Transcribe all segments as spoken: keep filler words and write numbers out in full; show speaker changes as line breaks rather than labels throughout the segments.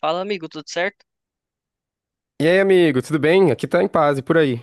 Fala, amigo, tudo certo?
E aí, amigo, tudo bem? Aqui tá em paz e por aí.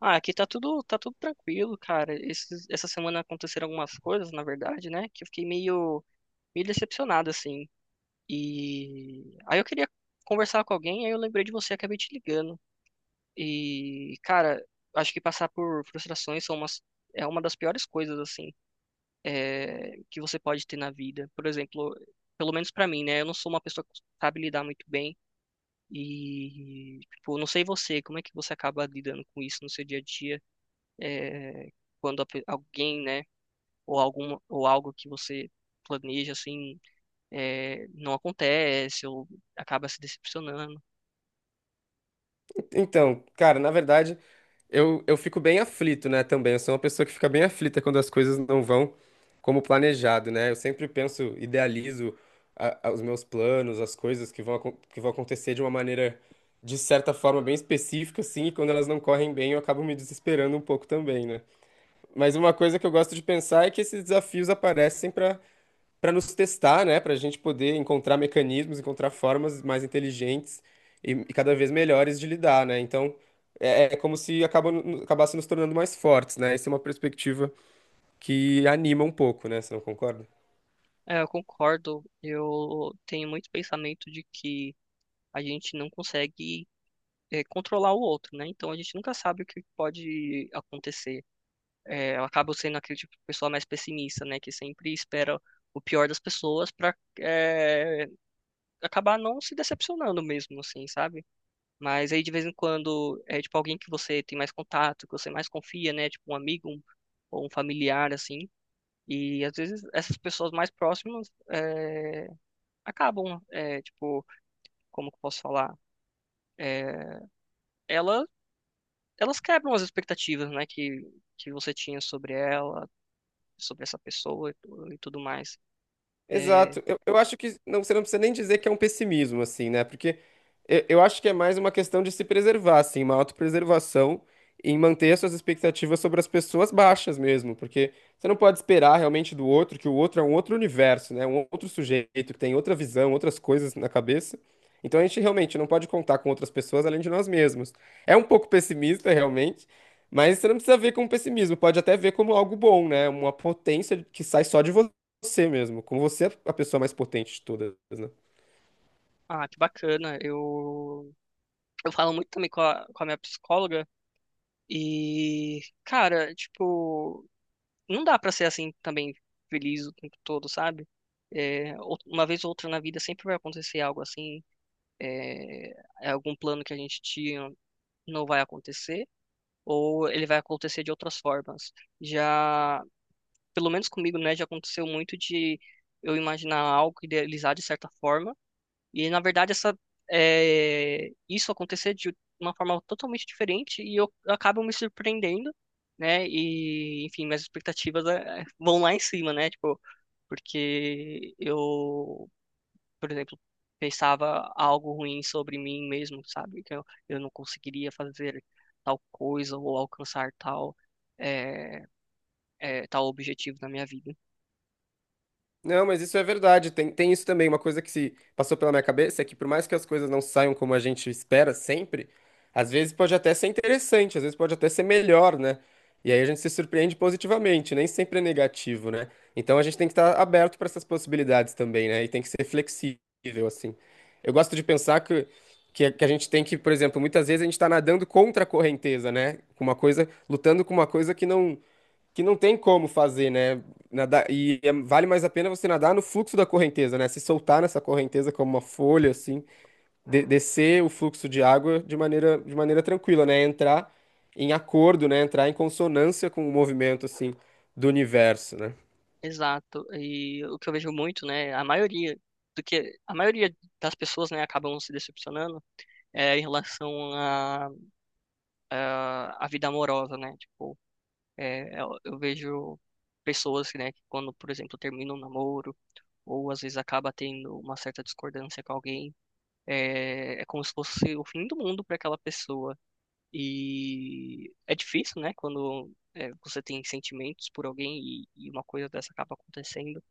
Ah, aqui tá tudo, tá tudo tranquilo, cara. Esses- essa semana aconteceram algumas coisas, na verdade, né? Que eu fiquei meio, meio decepcionado, assim. E aí eu queria conversar com alguém, aí eu lembrei de você, acabei te ligando. E, cara, acho que passar por frustrações são umas, é uma das piores coisas, assim, é, que você pode ter na vida. Por exemplo, pelo menos pra mim, né? Eu não sou uma pessoa que sabe lidar muito bem. E, tipo, não sei você, como é que você acaba lidando com isso no seu dia a dia? é, quando a pe- alguém, né, ou algum, ou algo que você planeja assim, é, não acontece ou acaba se decepcionando.
Então, cara, na verdade, eu, eu fico bem aflito, né, também. Eu sou uma pessoa que fica bem aflita quando as coisas não vão como planejado, né? Eu sempre penso, idealizo a- a- os meus planos, as coisas que vão, acon- que vão acontecer de uma maneira, de certa forma, bem específica, assim, e quando elas não correm bem, eu acabo me desesperando um pouco também, né? Mas uma coisa que eu gosto de pensar é que esses desafios aparecem para nos testar, né? Para a gente poder encontrar mecanismos, encontrar formas mais inteligentes e, e cada vez melhores de lidar, né? Então é, é como se acaba, acabasse nos tornando mais fortes, né? Essa é uma perspectiva que anima um pouco, né? Você não concorda?
É, eu concordo. Eu tenho muito pensamento de que a gente não consegue é, controlar o outro, né? Então a gente nunca sabe o que pode acontecer. É, eu acabo sendo aquele tipo de pessoa mais pessimista, né, que sempre espera o pior das pessoas para acabar não se decepcionando mesmo, assim, sabe? Mas aí de vez em quando é tipo alguém que você tem mais contato, que você mais confia, né? Tipo um amigo um- ou um familiar assim. E às vezes essas pessoas mais próximas é, acabam, é, tipo, como que eu posso falar? É, ela, elas quebram as expectativas, né? Que, que você tinha sobre ela, sobre essa pessoa e, tu- e tudo mais. É,
Exato. Eu, eu acho que não, você não precisa nem dizer que é um pessimismo, assim, né? Porque eu, eu acho que é mais uma questão de se preservar, assim, uma autopreservação em manter as suas expectativas sobre as pessoas baixas mesmo. Porque você não pode esperar realmente do outro, que o outro é um outro universo, né? Um outro sujeito que tem outra visão, outras coisas na cabeça. Então a gente realmente não pode contar com outras pessoas além de nós mesmos. É um pouco pessimista, realmente. Mas você não precisa ver como pessimismo, pode até ver como algo bom, né? Uma potência que sai só de você mesmo, como você é a pessoa mais potente de todas, né?
ah, que bacana. Eu, eu falo muito também com a, com a minha psicóloga. E, cara, tipo, não dá pra ser assim também feliz o tempo todo, sabe? É, ou- uma vez ou outra na vida sempre vai acontecer algo assim, é, é algum plano que a gente tinha não vai acontecer, ou ele vai acontecer de outras formas. Já, pelo menos comigo, né, já aconteceu muito de eu imaginar algo, idealizar de certa forma, e na verdade essa é, isso acontecer de uma forma totalmente diferente e eu acabo me surpreendendo, né? E enfim, minhas expectativas é, vão lá em cima, né? Tipo, porque eu, por exemplo, pensava algo ruim sobre mim mesmo, sabe? Que eu, eu não conseguiria fazer tal coisa ou alcançar tal é, é, tal objetivo na minha vida.
Não, mas isso é verdade, tem, tem isso também. Uma coisa que se passou pela minha cabeça é que por mais que as coisas não saiam como a gente espera sempre, às vezes pode até ser interessante, às vezes pode até ser melhor, né? E aí a gente se surpreende positivamente, nem sempre é negativo, né? Então a gente tem que estar aberto para essas possibilidades também, né? E tem que ser flexível, assim. Eu gosto de pensar que, que, que a gente tem que, por exemplo, muitas vezes a gente está nadando contra a correnteza, né? Com uma coisa, lutando com uma coisa que não que não tem como fazer, né? Nadar, e é- vale mais a pena você nadar no fluxo da correnteza, né? Se soltar nessa correnteza como uma folha, assim, de- descer o fluxo de água de maneira, de maneira tranquila, né? Entrar em acordo, né? Entrar em consonância com o movimento, assim, do universo, né?
Exato. E o que eu vejo muito, né, a maioria do que a maioria das pessoas, né, acabam se decepcionando é em relação à à à vida amorosa, né? Tipo, é, eu, eu vejo pessoas, né, que quando, por exemplo, terminam um namoro ou às vezes acaba tendo uma certa discordância com alguém, é, é como se fosse o fim do mundo para aquela pessoa. E é difícil, né, quando é, você tem sentimentos por alguém e, e uma coisa dessa acaba acontecendo.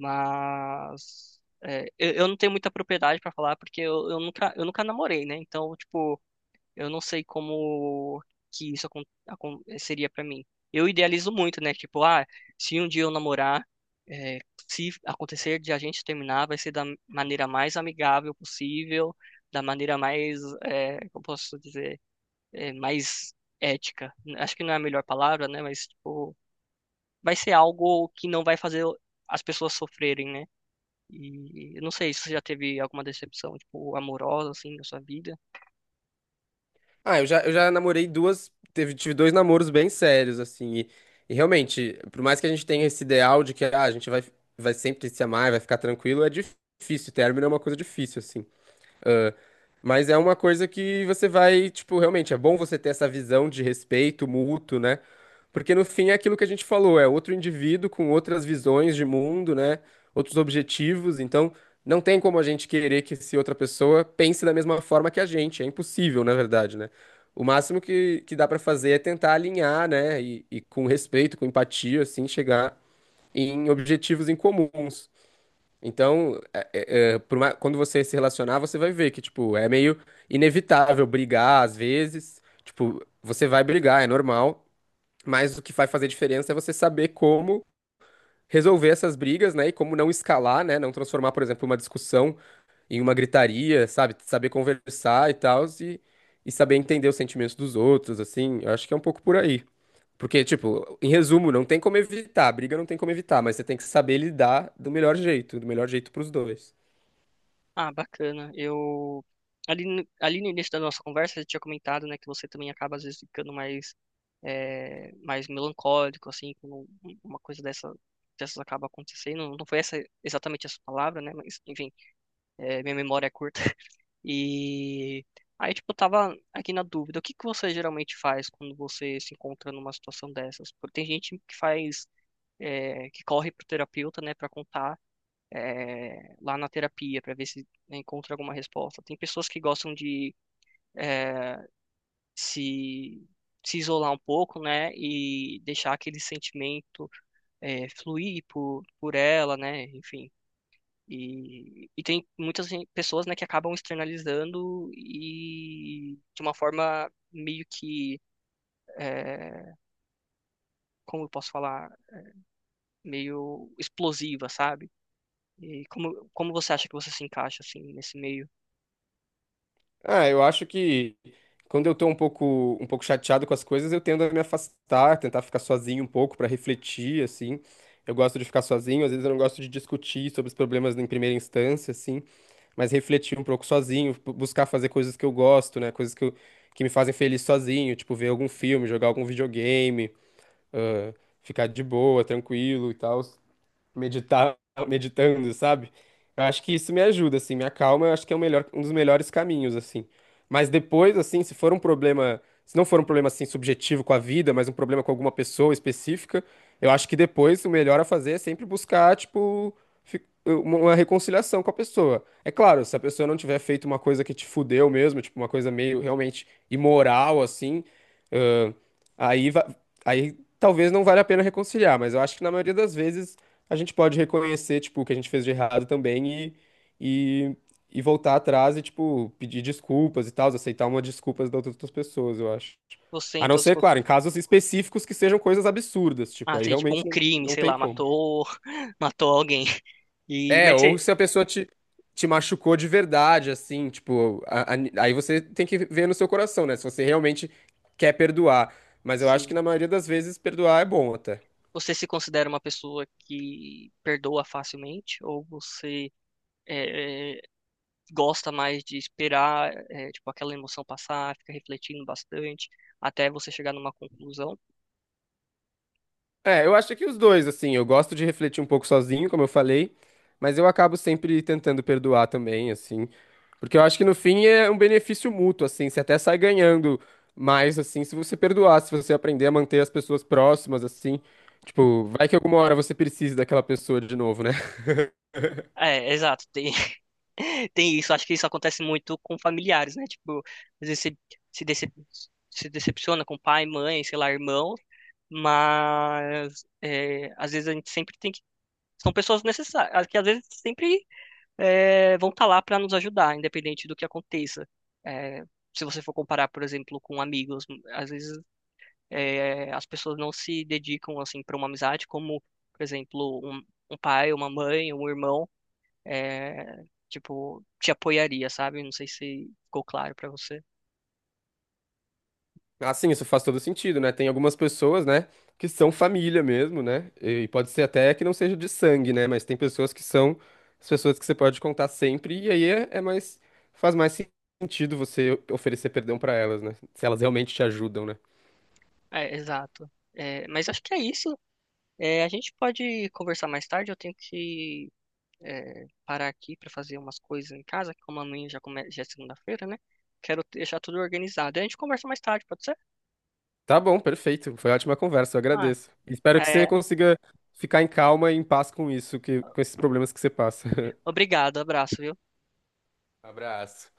Mas é, eu, eu não tenho muita propriedade pra falar porque eu, eu nunca eu nunca namorei, né? Então, tipo, eu não sei como que isso acon- acon- é, seria pra mim. Eu idealizo muito, né? Tipo, ah, se um dia eu namorar, é, se acontecer de a gente terminar, vai ser da maneira mais amigável possível, da maneira mais, é, como posso dizer, é, mais ética. Acho que não é a melhor palavra, né? Mas, tipo, vai ser algo que não vai fazer as pessoas sofrerem, né? E eu não sei se você já teve alguma decepção, tipo, amorosa, assim, na sua vida.
Ah, eu já, eu já namorei duas, teve, tive dois namoros bem sérios, assim, e, e realmente, por mais que a gente tenha esse ideal de que ah, a gente vai, vai sempre se amar, vai ficar tranquilo, é difícil, término é uma coisa difícil, assim. Ah, mas é uma coisa que você vai, tipo, realmente é bom você ter essa visão de respeito mútuo, né? Porque no fim é aquilo que a gente falou, é outro indivíduo com outras visões de mundo, né? Outros objetivos, então não tem como a gente querer que se outra pessoa pense da mesma forma que a gente, é impossível, na verdade, né? O máximo que, que dá pra fazer é tentar alinhar, né? E, e com respeito, com empatia, assim, chegar em objetivos em comuns. Então, é, por mais- quando você se relacionar, você vai ver que, tipo, é meio inevitável brigar às vezes. Tipo, você vai brigar, é normal. Mas o que vai fazer diferença é você saber como resolver essas brigas, né? E como não escalar, né? Não transformar, por exemplo, uma discussão em uma gritaria, sabe? Saber conversar e tal, e, e saber entender os sentimentos dos outros, assim. Eu acho que é um pouco por aí. Porque, tipo, em resumo, não tem como evitar, briga não tem como evitar, mas você tem que saber lidar do melhor jeito, do melhor jeito pros dois.
Ah, bacana. Eu. Ali, no- ali no início da nossa conversa, você tinha comentado, né, que você também acaba, às vezes, ficando mais, é, mais melancólico, assim, quando um, uma coisa dessa, dessas acaba acontecendo. Não foi essa exatamente essa palavra, né, mas, enfim, é, minha memória é curta. E. Aí, tipo, eu tava aqui na dúvida, o que que você geralmente faz quando você se encontra numa situação dessas? Porque tem gente que faz é, que corre para o terapeuta, né, para contar é, lá na terapia, para ver se encontra alguma resposta. Tem pessoas que gostam de é, se se isolar um pouco, né, e deixar aquele sentimento é, fluir por, por ela, né, enfim. E, e tem muitas gen- pessoas, né, que acabam externalizando e de uma forma meio que, é, como eu posso falar, meio explosiva, sabe? E como, como você acha que você se encaixa, assim, nesse meio?
Ah, eu acho que quando eu tô um pouco, um pouco chateado com as coisas, eu tendo a me afastar, tentar ficar sozinho um pouco pra refletir, assim. Eu gosto de ficar sozinho, às vezes eu não gosto de discutir sobre os problemas em primeira instância, assim, mas refletir um pouco sozinho, bu- buscar fazer coisas que eu gosto, né? Coisas que, eu- que me fazem feliz sozinho, tipo ver algum filme, jogar algum videogame, ah, ficar de boa, tranquilo e tal meditar, meditando, sabe? Eu acho que isso me ajuda, assim, me acalma, eu acho que é o melhor, um dos melhores caminhos, assim. Mas depois, assim, se for um problema, se não for um problema, assim, subjetivo com a vida, mas um problema com alguma pessoa específica, eu acho que depois o melhor a fazer é sempre buscar, tipo, fi- uma uma reconciliação com a pessoa. É claro, se a pessoa não tiver feito uma coisa que te fudeu mesmo, tipo, uma coisa meio realmente imoral, assim, ãh, aí, va- aí talvez não valha a pena reconciliar, mas eu acho que na maioria das vezes a gente pode reconhecer, tipo, o que a gente fez de errado também e, e, e voltar atrás e, tipo, pedir desculpas e tal, aceitar uma desculpas das outras pessoas, eu acho.
Você,
A não
então, se...
ser,
co-
claro, em casos específicos que sejam coisas absurdas, tipo,
Ah,
aí
seria tipo um
realmente não,
crime,
não
sei
tem
lá,
como.
matou, matou alguém. E,
É,
mas você,
ou se a pessoa te, te machucou de verdade, assim, tipo, a- a- aí você tem que ver no seu coração, né? Se você realmente quer perdoar. Mas eu acho que
sim,
na maioria das vezes perdoar é bom até.
você se considera uma pessoa que perdoa facilmente? Ou você é, é, gosta mais de esperar, é, tipo, aquela emoção passar, fica refletindo bastante, até você chegar numa conclusão?
É, eu acho que os dois, assim, eu gosto de refletir um pouco sozinho, como eu falei, mas eu acabo sempre tentando perdoar também, assim, porque eu acho que no fim é um benefício mútuo, assim, você até sai ganhando mais, assim, se você perdoar, se você aprender a manter as pessoas próximas, assim, tipo, vai que alguma hora você precisa daquela pessoa de novo, né?
É, exato, tem, tem isso. Acho que isso acontece muito com familiares, né? Tipo, às vezes você se, dece- se decepciona com pai, mãe, sei lá, irmão, mas é, às vezes a gente sempre tem que. São pessoas necessárias, que às vezes sempre é, vão estar lá para nos ajudar, independente do que aconteça. É, se você for comparar, por exemplo, com amigos, às vezes é, as pessoas não se dedicam assim para uma amizade, como, por exemplo, um, um pai, uma mãe, um irmão é, tipo, te apoiaria, sabe? Não sei se ficou claro pra você.
Ah, sim, isso faz todo sentido, né? Tem algumas pessoas, né, que são família mesmo, né? E pode ser até que não seja de sangue, né? Mas tem pessoas que são as pessoas que você pode contar sempre, e aí é, é mais, faz mais sentido você oferecer perdão pra elas, né? Se elas realmente te ajudam, né?
É, exato. É, mas acho que é isso. É, a gente pode conversar mais tarde. Eu tenho que é, parar aqui para fazer umas coisas em casa, que como amanhã já, come... já é segunda-feira, né? Quero deixar tudo organizado. E a gente conversa mais tarde, pode ser?
Tá bom, perfeito. Foi ótima conversa, eu
Ah,
agradeço. Espero que você
é,
consiga ficar em calma e em paz com isso, que, com esses problemas que você passa.
obrigado, abraço, viu?
Abraço.